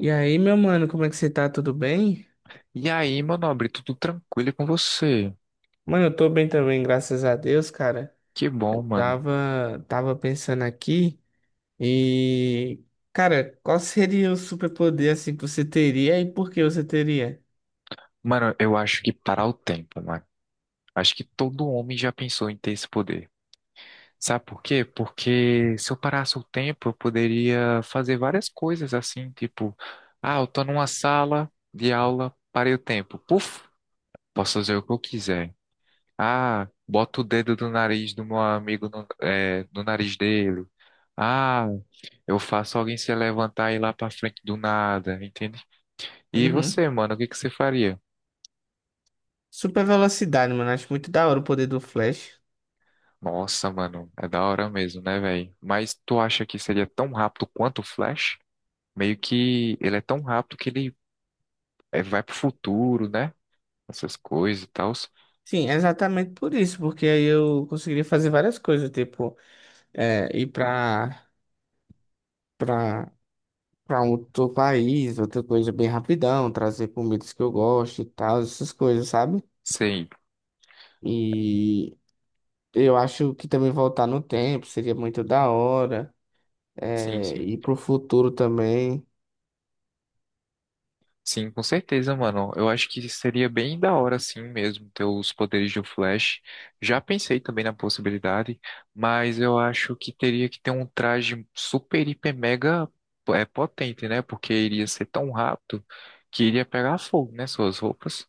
E aí, meu mano, como é que você tá? Tudo bem? E aí, meu nobre, tudo tranquilo com você? Mano, eu tô bem também, graças a Deus, cara. Que Eu bom, mano. tava, tava pensando aqui e, cara, qual seria o superpoder assim que você teria e por que você teria? Mano, eu acho que parar o tempo, mano. Acho que todo homem já pensou em ter esse poder. Sabe por quê? Porque se eu parasse o tempo, eu poderia fazer várias coisas assim, tipo, ah, eu tô numa sala de aula, parei o tempo. Puf, posso fazer o que eu quiser. Ah, boto o dedo do nariz do meu amigo no nariz dele. Ah, eu faço alguém se levantar e ir lá pra frente do nada. E Uhum. você, mano, o que que você faria? Super velocidade, mano. Acho muito da hora o poder do Flash. Nossa, mano, é da hora mesmo, né, velho? Mas tu acha que seria tão rápido quanto o Flash? Meio que ele é tão rápido que ele vai pro futuro, né? Essas coisas e tal. Sim, é exatamente por isso, porque aí eu conseguiria fazer várias coisas, tipo, é, ir pra, pra, pra um outro país, outra coisa bem rapidão, trazer comidas que eu gosto e tal, essas coisas, sabe? Sei. E eu acho que também voltar no tempo seria muito da hora. Sim, É, sim. e pro futuro também. Sim, com certeza, mano. Eu acho que seria bem da hora, assim mesmo, ter os poderes do Flash. Já pensei também na possibilidade, mas eu acho que teria que ter um traje super, hiper, mega potente, né? Porque iria ser tão rápido que iria pegar fogo, né? Suas roupas.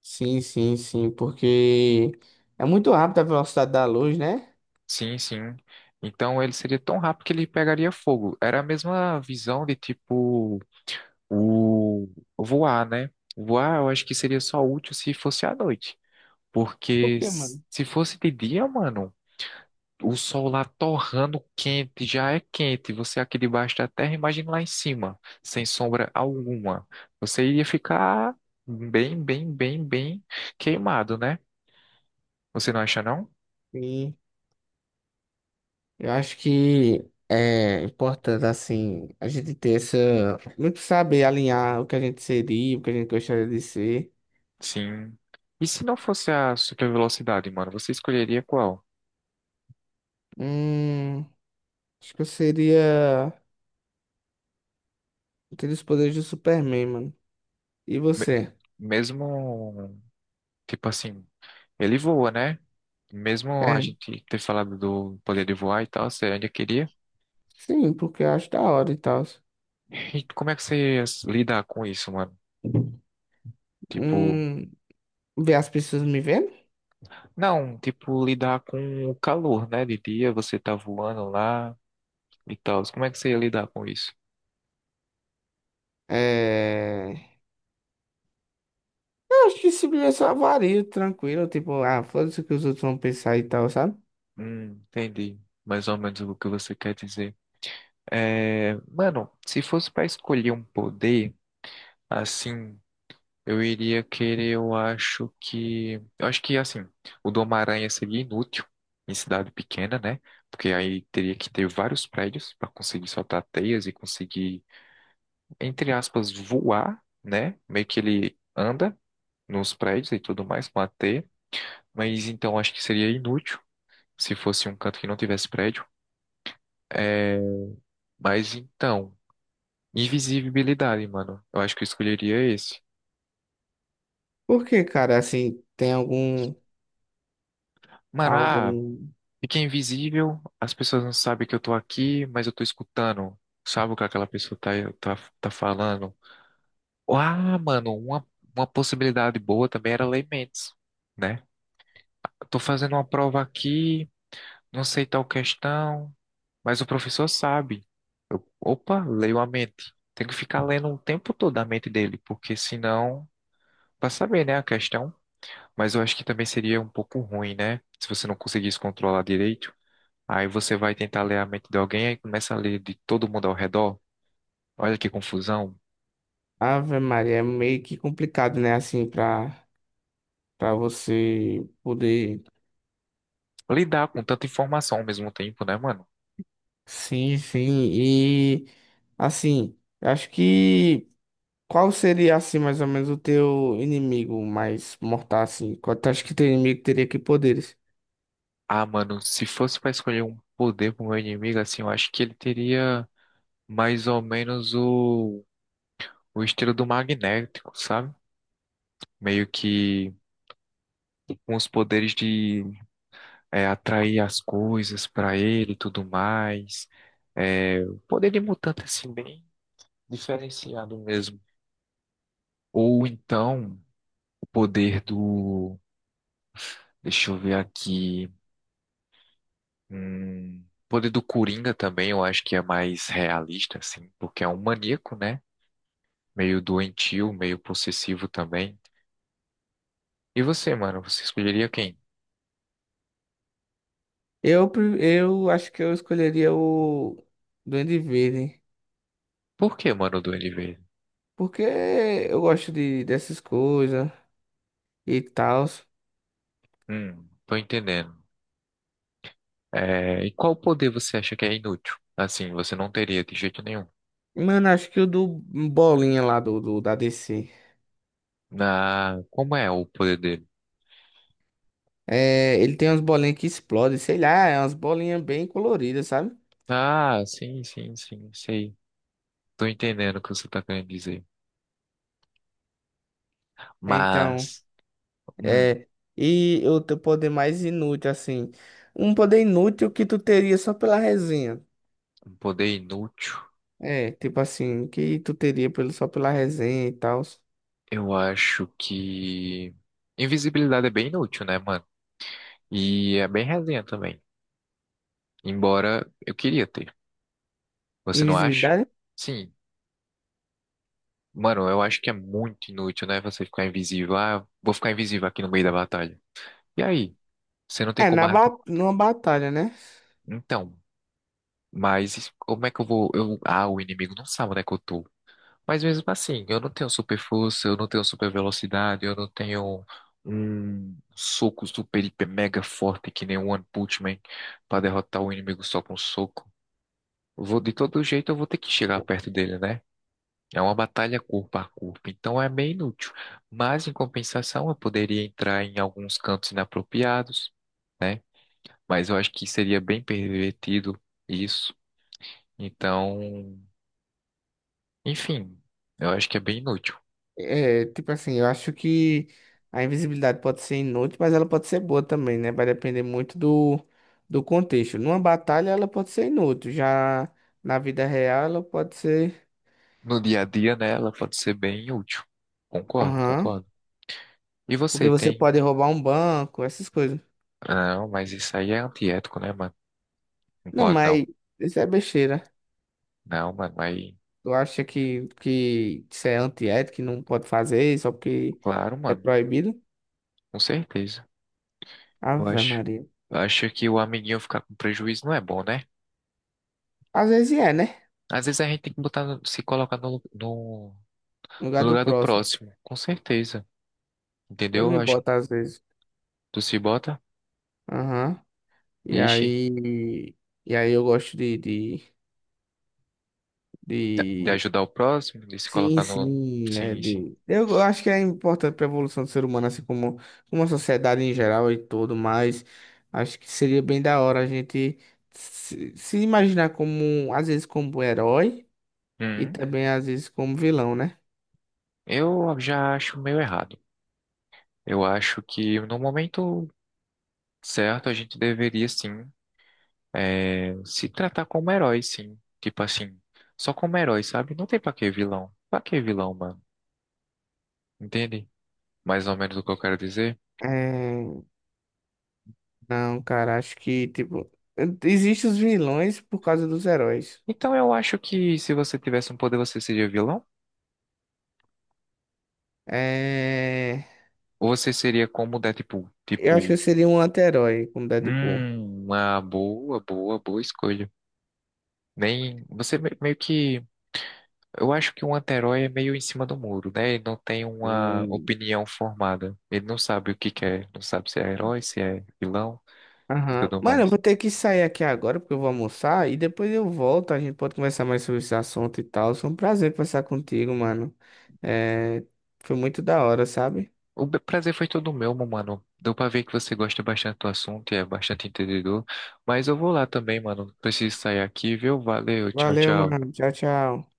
Sim, porque é muito rápido a velocidade da luz, né? Sim, sim. Então ele seria tão rápido que ele pegaria fogo. Era a mesma visão de tipo o voar, né? Voar eu acho que seria só útil se fosse à noite. Por Porque quê, mano? se fosse de dia, mano, o sol lá torrando quente, já é quente. Você aqui debaixo da terra, imagina lá em cima, sem sombra alguma. Você iria ficar bem, bem, bem, bem queimado, né? Você não acha, não? Sim. Eu acho que é importante, assim, a gente ter essa. Muito saber alinhar o que a gente seria, o que a gente gostaria de ser. Sim. E se não fosse a super velocidade, mano, você escolheria qual? Hum, acho que eu seria. Ter os poderes do Superman, mano. E Me- você? Mesmo, tipo assim, ele voa, né? Mesmo a É, gente ter falado do poder de voar e tal, você ainda queria? sim, porque eu acho da hora e tal. E como é que você lida com isso, mano? Hum, Tipo, ver as pessoas me vendo? não, tipo, lidar com o calor, né? De dia você tá voando lá e tal. Como é que você ia lidar com isso? É... Eu acho que simplesmente só vario, tranquilo, tipo, ah, foda-se o que os outros vão pensar e tal, sabe? Entendi. Mais ou menos o que você quer dizer. É, mano, se fosse pra escolher um poder, assim, eu iria querer, eu acho que. Eu acho que, assim, o do Homem-Aranha seria inútil em cidade pequena, né? Porque aí teria que ter vários prédios pra conseguir soltar teias e conseguir entre aspas, voar, né? Meio que ele anda nos prédios e tudo mais com a teia, mas então acho que seria inútil se fosse um canto que não tivesse prédio. É, mas então, invisibilidade, mano. Eu aano acho que eu escolheria esse. Porque, cara, assim, tem algum, Mano, algum... ah, fica invisível, as pessoas não sabem que eu tô aqui, mas eu tô escutando. Sabe o que aquela pessoa tá falando? Ah, mano, uma possibilidade boa também era Laymates, né? Eu tô fazendo uma prova aqui. Não sei tal questão, mas o professor sabe. Eu, opa, leio a mente. Tenho que ficar lendo o tempo todo a mente dele, porque senão, para saber, né, a questão. Mas eu acho que também seria um pouco ruim, né? Se você não conseguisse controlar direito. Aí você vai tentar ler a mente de alguém e começa a ler de todo mundo ao redor. Olha que confusão. Ave Maria, é meio que complicado, né, assim, pra você poder... Lidar com tanta informação ao mesmo tempo, né, mano? Sim, sim, e, assim, eu acho que... Qual seria, assim, mais ou menos o teu inimigo mais mortal, assim? Qual tu acha que teu inimigo teria que poderes? Ah, mano, se fosse para escolher um poder pro meu inimigo, assim, eu acho que ele teria mais ou menos o estilo do magnético, sabe? Meio que com os poderes de atrair as coisas pra ele e tudo mais. É, o poder de mutante, assim, bem diferenciado mesmo. Ou então, o poder do. Deixa eu ver aqui. O poder do Coringa também, eu acho que é mais realista, assim, porque é um maníaco, né? Meio doentio, meio possessivo também. E você, mano, você escolheria quem? Eu, eu acho que eu escolheria o Duende Verde, Por que, mano, o Duende Verde? porque eu gosto de, dessas coisas e tal. Tô entendendo. É, e qual poder você acha que é inútil? Assim, você não teria de jeito nenhum. Mano, acho que o do Bolinha lá da DC. Na, como é o poder dele? É, ele tem umas bolinhas que explodem, sei lá, é umas bolinhas bem coloridas, sabe? Ah, sim, sim, sim, sei. Tô entendendo o que você tá querendo dizer. Então, Mas, hum, é. E o teu poder mais inútil, assim. Um poder inútil que tu teria só pela resenha. um poder inútil, É, tipo assim, que tu teria pelo, só pela resenha e tal. eu acho que invisibilidade é bem inútil, né, mano? E é bem resenha também. Embora eu queria ter. Você não acha? Invisibilidade? Sim. Mano, eu acho que é muito inútil, né? Você ficar invisível. Ah, vou ficar invisível aqui no meio da batalha. E aí? Você não tem É, como. na ba numa batalha, né? Então, mas como é que eu vou? Eu, ah, o inimigo não sabe onde é que eu tô. Mas mesmo assim, eu não tenho super força, eu não tenho super velocidade, eu não tenho um soco super, hiper, mega forte que nem o One Punch Man pra derrotar o inimigo só com um soco. Vou, de todo jeito, eu vou ter que chegar perto dele, né? É uma batalha corpo a corpo, então é meio inútil. Mas, em compensação, eu poderia entrar em alguns cantos inapropriados, né? Mas eu acho que seria bem pervertido isso. Então, enfim, eu acho que é bem inútil. É, tipo assim, eu acho que a invisibilidade pode ser inútil, mas ela pode ser boa também, né? Vai depender muito do contexto. Numa batalha ela pode ser inútil, já na vida real ela pode ser. No dia a dia, né, ela pode ser bem útil. Concordo, Aham. concordo. E Porque você você tem? pode roubar um banco, essas coisas. Ah, não, mas isso aí é antiético, né, mano? Não Não, pode não. mas isso é besteira. Não, mano, mas Tu acha que isso é antiético, que não pode fazer só porque claro, é mano, proibido? com certeza. Eu Ave acho, Maria. eu acho que o amiguinho ficar com prejuízo não é bom, né? Às vezes é, né? Às vezes a gente tem que botar, se colocar no, no, No lugar no do lugar do próximo. próximo, com certeza. Eu Entendeu? Eu me acho que boto às vezes. tu se bota, Aham. E ixi, aí. E aí eu gosto de, de, de de... ajudar o próximo, de se Sim, colocar no. sim. É Sim, sim. de... Eu acho que é importante para a evolução do ser humano, assim como, como a sociedade em geral e tudo, mas acho que seria bem da hora a gente se imaginar como, às vezes, como herói e Uhum. também, às vezes, como vilão, né? Eu já acho meio errado. Eu acho que no momento certo a gente deveria sim, se tratar como herói, sim. Tipo assim, só como herói, sabe? Não tem pra que vilão. Pra que vilão, mano? Entende? Mais ou menos o que eu quero dizer. É... Não, cara, acho que, tipo, existem os vilões por causa dos heróis. Então eu acho que se você tivesse um poder, você seria vilão? É... Ou você seria como o Deadpool? Eu acho que eu Tipo, seria um anti-herói com Deadpool. Uma boa, boa, boa escolha. Nem. Você meio que. Eu acho que um anti-herói é meio em cima do muro, né? Ele não tem uma Hum. opinião formada. Ele não sabe o que quer, não sabe se é herói, se é vilão e Aham. tudo Mano, eu mais. vou ter que sair aqui agora porque eu vou almoçar e depois eu volto. A gente pode conversar mais sobre esse assunto e tal. Foi um prazer conversar contigo, mano. É, foi muito da hora, sabe? O prazer foi todo meu, meu mano. Deu pra ver que você gosta bastante do assunto e é bastante entendedor. Mas eu vou lá também, mano. Preciso sair aqui, viu? Valeu, tchau, Valeu, tchau. mano. Tchau, tchau.